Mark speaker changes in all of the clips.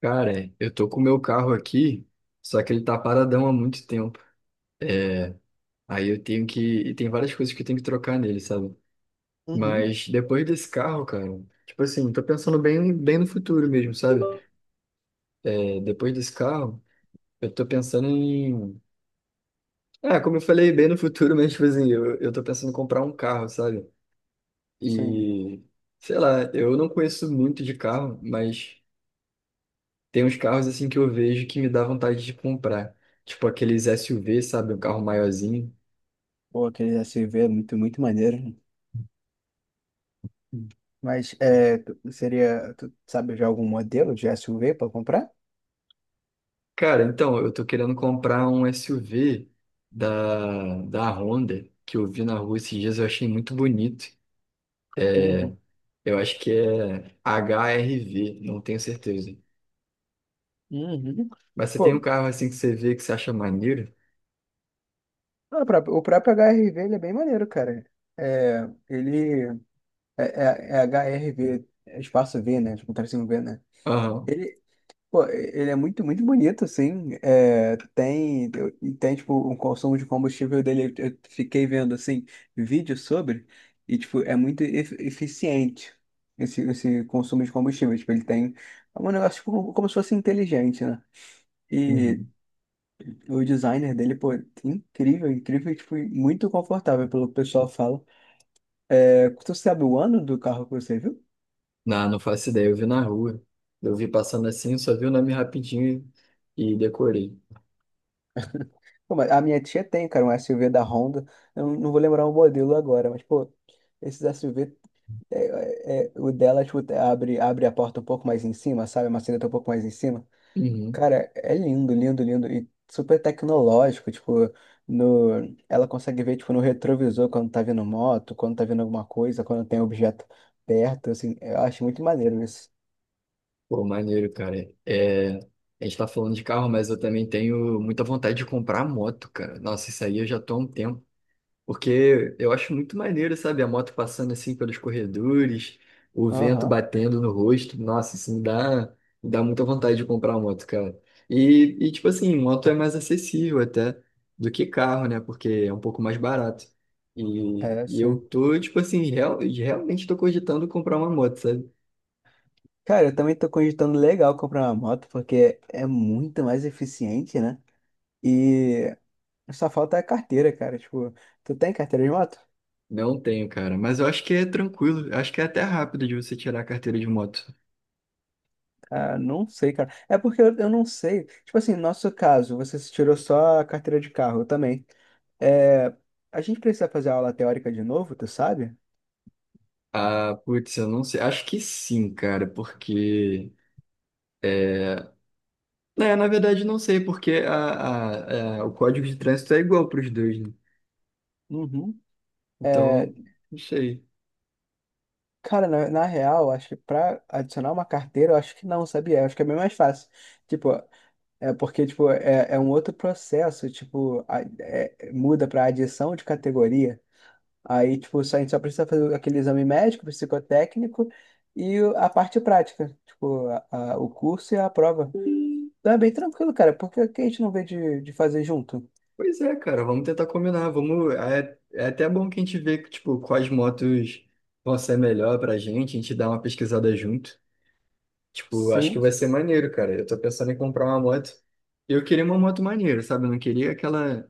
Speaker 1: Cara, eu tô com o meu carro aqui, só que ele tá paradão há muito tempo. Aí eu tenho que. E tem várias coisas que eu tenho que trocar nele, sabe?
Speaker 2: Uhum.
Speaker 1: Mas depois desse carro, cara, tipo assim, tô pensando bem, bem no futuro mesmo, sabe? É, depois desse carro, eu tô pensando em. Como eu falei, bem no futuro, mas, tipo assim, eu tô pensando em comprar um carro, sabe?
Speaker 2: Sim.
Speaker 1: E. Sei lá, eu não conheço muito de carro, mas tem uns carros, assim, que eu vejo que me dá vontade de comprar. Tipo aqueles SUV, sabe? Um carro maiorzinho.
Speaker 2: Pô, aquele SUV é muito maneiro. Hum. Mas é, seria, tu sabe já algum modelo de SUV para comprar?
Speaker 1: Cara, então, eu tô querendo comprar um SUV da Honda, que eu vi na rua esses dias, eu achei muito bonito.
Speaker 2: Uhum.
Speaker 1: Eu acho que é HRV, não tenho certeza.
Speaker 2: Uhum.
Speaker 1: Mas você tem um
Speaker 2: Pô,
Speaker 1: carro assim que você vê que você acha maneiro?
Speaker 2: o próprio HRV ele é bem maneiro, cara. É, ele é HRV, é espaço V, né? Tipo, tracinho V, né?
Speaker 1: Aham.
Speaker 2: Ele, Pô, ele é muito bonito, assim. É, e tem, tipo, um consumo de combustível dele. Eu fiquei vendo, assim, vídeos e, tipo, é muito eficiente esse consumo de combustível. Tipo, ele tem é um negócio, tipo, como se fosse inteligente, né? E
Speaker 1: Uhum.
Speaker 2: o designer dele, pô, incrível, incrível, e, tipo, e muito confortável, pelo que o pessoal fala. É, tu sabe o ano do carro que você viu?
Speaker 1: Não, não faço ideia, eu vi na rua. Eu vi passando assim, eu só vi o nome rapidinho e decorei.
Speaker 2: Pô, mas a minha tia tem, cara, um SUV da Honda. Eu não vou lembrar o modelo agora, mas, pô. Esses SUV é, o dela, tipo, abre a porta um pouco mais em cima, sabe? A maçaneta um pouco mais em cima.
Speaker 1: Uhum.
Speaker 2: Cara, é lindo, lindo, lindo. E super tecnológico, tipo, no... ela consegue ver, tipo, no retrovisor quando tá vindo moto, quando tá vindo alguma coisa, quando tem objeto perto, assim. Eu acho muito maneiro isso.
Speaker 1: Pô, maneiro, cara. É, a gente tá falando de carro, mas eu também tenho muita vontade de comprar moto, cara. Nossa, isso aí eu já tô há um tempo. Porque eu acho muito maneiro, sabe? A moto passando assim pelos corredores, o vento
Speaker 2: Aham,
Speaker 1: batendo no rosto. Nossa, me dá muita vontade de comprar uma moto, cara. Tipo assim, moto é mais acessível até do que carro, né? Porque é um pouco mais barato.
Speaker 2: é,
Speaker 1: Eu
Speaker 2: sim.
Speaker 1: tô, tipo assim, realmente tô cogitando comprar uma moto, sabe?
Speaker 2: Cara, eu também tô cogitando legal comprar uma moto, porque é muito mais eficiente, né? E só falta a carteira, cara. Tipo, tu tem carteira de moto?
Speaker 1: Não tenho, cara. Mas eu acho que é tranquilo. Eu Acho que é até rápido de você tirar a carteira de moto.
Speaker 2: Ah, não sei, cara. É porque eu não sei. Tipo assim, no nosso caso, você se tirou só a carteira de carro, eu também. É, a gente precisa fazer aula teórica de novo, tu sabe?
Speaker 1: Ah, putz, eu não sei. Acho que sim, cara, porque. é, É, na verdade, não sei, porque o código de trânsito é igual para os dois, né?
Speaker 2: Uhum. É,
Speaker 1: Então, não sei.
Speaker 2: cara, na real, acho que pra adicionar uma carteira, eu acho que não, sabia? Eu acho que é bem mais fácil. Tipo, é porque, tipo, é um outro processo, tipo, muda pra adição de categoria. Aí, tipo, a gente só precisa fazer aquele exame médico, psicotécnico e a parte prática, tipo, o curso e a prova. Então é bem tranquilo, cara, porque que a gente não vê de fazer junto?
Speaker 1: Pois é, cara, vamos tentar combinar. Vamos, é até bom que a gente vê, tipo, quais motos vão ser melhor pra gente, a gente dá uma pesquisada junto. Tipo, acho que
Speaker 2: Sim.
Speaker 1: vai ser maneiro, cara. Eu tô pensando em comprar uma moto. Eu queria uma moto maneira, sabe? Eu não queria aquela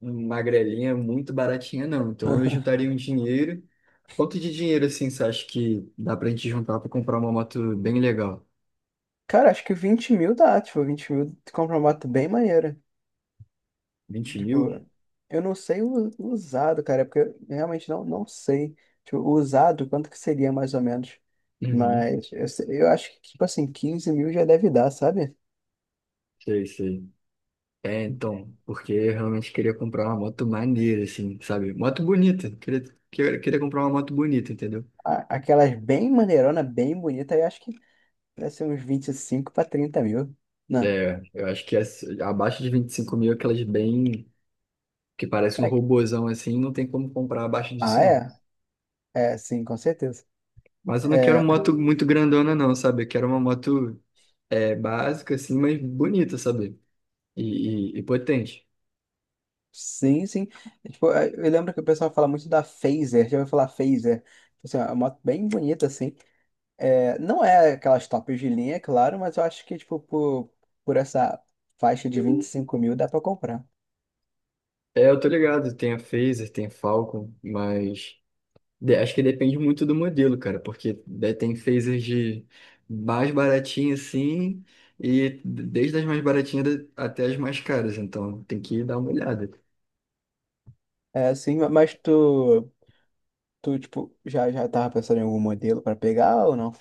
Speaker 1: magrelinha muito baratinha, não. Então, eu juntaria um dinheiro. Quanto de dinheiro, assim, você acha que dá pra gente juntar pra comprar uma moto bem legal?
Speaker 2: Cara, acho que 20 mil dá, tipo, 20 mil tu compra uma moto bem maneira.
Speaker 1: vinte
Speaker 2: Tipo,
Speaker 1: mil?
Speaker 2: eu não sei o usado, cara, é porque eu realmente não sei. Tipo, o usado, quanto que seria mais ou menos?
Speaker 1: Uhum.
Speaker 2: Mas eu acho que, tipo assim, 15 mil já deve dar, sabe?
Speaker 1: Sei, sei. É, então, porque eu realmente queria comprar uma moto maneira, assim, sabe? Moto bonita. Queria comprar uma moto bonita, entendeu?
Speaker 2: Aquelas bem maneirona, bem bonita, eu acho que deve ser uns 25 a 30 mil. Não.
Speaker 1: É, eu acho que as- abaixo de 25 mil, aquelas bem, que parecem um
Speaker 2: Pra quê?
Speaker 1: robozão, assim, não tem como comprar abaixo
Speaker 2: Ah,
Speaker 1: disso, não.
Speaker 2: é? É, sim, com certeza.
Speaker 1: Mas eu não quero moto muito grandona, não, sabe? Eu quero uma moto, é, básica, assim, mas bonita, sabe? E, e potente.
Speaker 2: Sim, sim. É, tipo, é, eu lembro que o pessoal fala muito da Phaser. Já ouviu falar Phaser? Tipo assim, é uma moto bem bonita, assim. É, não é aquelas tops de linha, é claro, mas eu acho que, tipo, por essa faixa de 25 mil dá pra comprar.
Speaker 1: É, eu tô ligado, tem a Fazer, tem a Falcon, mas... De- Acho que depende muito do modelo, cara, porque né, tem phasers de mais baratinha assim, e desde as mais baratinhas da- até as mais caras, então tem que dar uma olhada.
Speaker 2: É, sim, mas tu, tu, tipo, já tava pensando em algum modelo pra pegar ou não?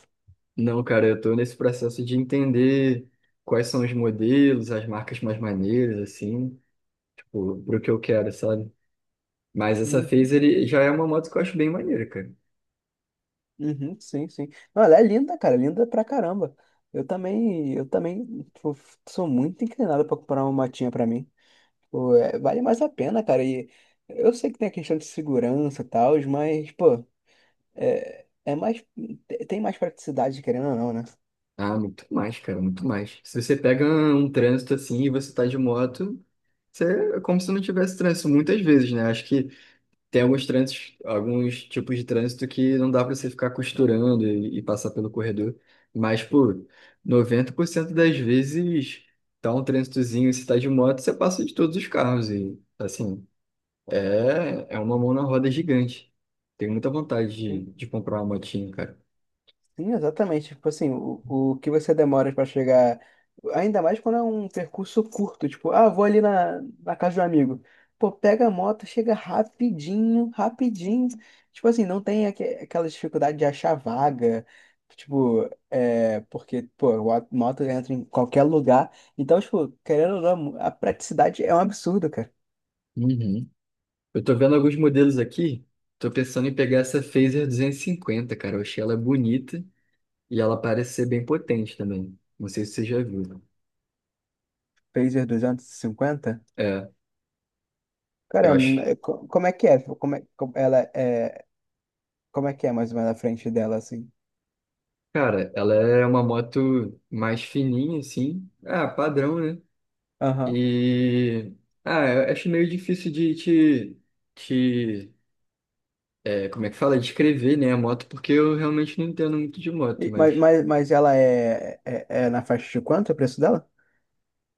Speaker 1: Não, cara, eu tô nesse processo de entender quais são os modelos, as marcas mais maneiras, assim, tipo, pro que eu quero, sabe? Mas essa phaser ele já é uma moto que eu acho bem maneira, cara.
Speaker 2: Uhum, sim, sim. Não, ela é linda, cara, linda pra caramba. Eu também tipo, sou muito inclinado pra comprar uma motinha pra mim. Pô, é, vale mais a pena, cara. E eu sei que tem a questão de segurança e tal, mas, pô, é, é mais, tem mais praticidade, querendo ou não, né?
Speaker 1: Ah, muito mais, cara, muito mais. Se você pega um trânsito assim e você tá de moto. Você, é como se não tivesse trânsito muitas vezes, né? Acho que tem alguns trânsitos, alguns tipos de trânsito que não dá para você ficar costurando passar pelo corredor, mas por 90% das vezes tá um trânsitozinho, se tá de moto, você passa de todos os carros e assim, é uma mão na roda gigante. Tenho muita vontade de comprar uma motinha, cara.
Speaker 2: Sim, exatamente. Tipo assim, o que você demora para chegar, ainda mais quando é um percurso curto, tipo, ah, vou ali na casa de um amigo. Pô, pega a moto, chega rapidinho, rapidinho. Tipo assim, não tem aquela dificuldade de achar vaga. Tipo, é, porque, pô, a moto entra em qualquer lugar. Então, tipo, querendo ou não, a praticidade é um absurdo, cara.
Speaker 1: Uhum. Eu tô vendo alguns modelos aqui, tô pensando em pegar essa Fazer 250, cara. Eu achei ela bonita e ela parece ser bem potente também. Não sei se você já viu.
Speaker 2: Pacer 250?
Speaker 1: É, eu
Speaker 2: Cara,
Speaker 1: acho.
Speaker 2: como é que é? Como ela é, como é que é mais ou menos a frente dela, assim?
Speaker 1: Cara, ela é uma moto mais fininha, assim. Ah, padrão, né?
Speaker 2: Aham.
Speaker 1: E. Ah, eu acho meio difícil de te. Te é, como é que fala? Descrever, né, a moto, porque eu realmente não entendo muito de moto,
Speaker 2: Mas,
Speaker 1: mas
Speaker 2: mas ela é, é na faixa de quanto o preço dela?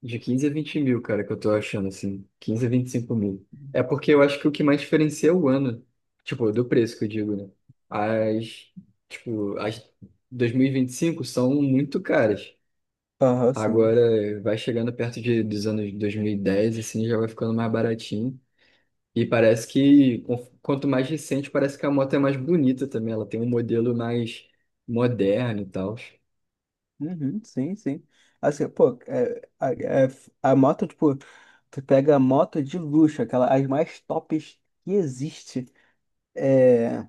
Speaker 1: de 15 a 20 mil, cara, que eu tô achando, assim. 15 a 25 mil. É porque eu acho que o que mais diferencia é o ano. Tipo, do preço que eu digo, né? As. Tipo, as dois mil e vinte e cinco são muito caras.
Speaker 2: Aham, sim.
Speaker 1: Agora vai chegando perto dos anos 2010 assim, já vai ficando mais baratinho. E parece que, con- quanto mais recente, parece que a moto é mais bonita também. Ela tem um modelo mais moderno e tal.
Speaker 2: Uhum, sim, sim. Assim, pô, a moto, tipo, tu pega a moto de luxo, aquela, as mais tops que existe, é,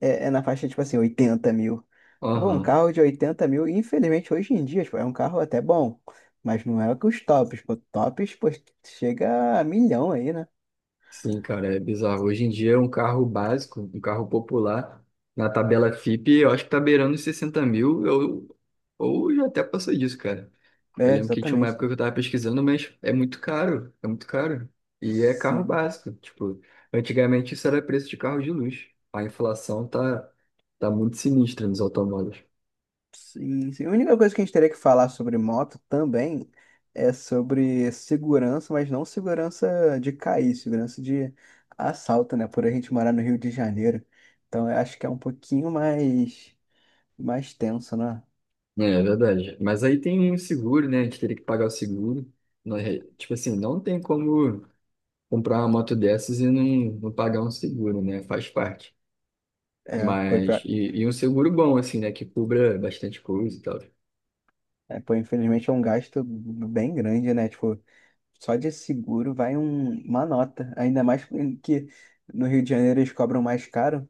Speaker 2: é na faixa, tipo assim, 80 mil. Pô, um
Speaker 1: Aham.
Speaker 2: carro de 80 mil, infelizmente, hoje em dia, tipo, é um carro até bom, mas não é que os tops, pô, chega a milhão aí, né?
Speaker 1: Sim, cara, é bizarro. Hoje em dia, um carro básico, um carro popular, na tabela Fipe, eu acho que tá beirando os 60 mil, ou já até passou disso, cara. Eu
Speaker 2: É,
Speaker 1: lembro que tinha uma época
Speaker 2: exatamente.
Speaker 1: que eu tava pesquisando, mas é muito caro, é muito caro. E é carro
Speaker 2: Sim.
Speaker 1: básico, tipo, antigamente isso era preço de carro de luxo. A inflação tá, tá muito sinistra nos automóveis.
Speaker 2: Sim, sim. A única coisa que a gente teria que falar sobre moto também é sobre segurança, mas não segurança de cair, segurança de assalto, né? Por a gente morar no Rio de Janeiro. Então eu acho que é um mais tenso, né?
Speaker 1: É, é verdade. Mas aí tem o seguro, né? A gente teria que pagar o seguro. Não é- Tipo assim, não tem como comprar uma moto dessas não pagar um seguro, né? Faz parte.
Speaker 2: É,
Speaker 1: Mas, um seguro bom, assim, né? Que cubra bastante coisa e tal.
Speaker 2: é, pô, infelizmente é um gasto bem grande, né? Tipo, só de seguro vai uma nota. Ainda mais que no Rio de Janeiro eles cobram mais caro.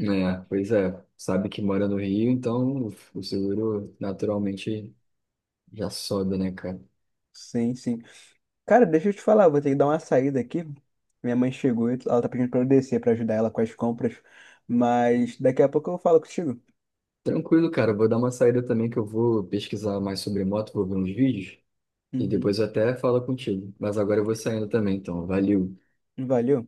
Speaker 1: É, pois é, sabe que mora no Rio, então o seguro naturalmente já sobe, né, cara?
Speaker 2: Sim, sim. Cara, deixa eu te falar, eu vou ter que dar uma saída aqui. Minha mãe chegou e ela tá pedindo pra eu descer pra ajudar ela com as compras, mas daqui a pouco eu falo contigo.
Speaker 1: Tranquilo, cara, eu vou dar uma saída também que eu vou pesquisar mais sobre moto, vou ver uns vídeos e
Speaker 2: Uhum.
Speaker 1: depois eu até falo contigo. Mas agora eu vou saindo também, então, valeu.
Speaker 2: Valeu.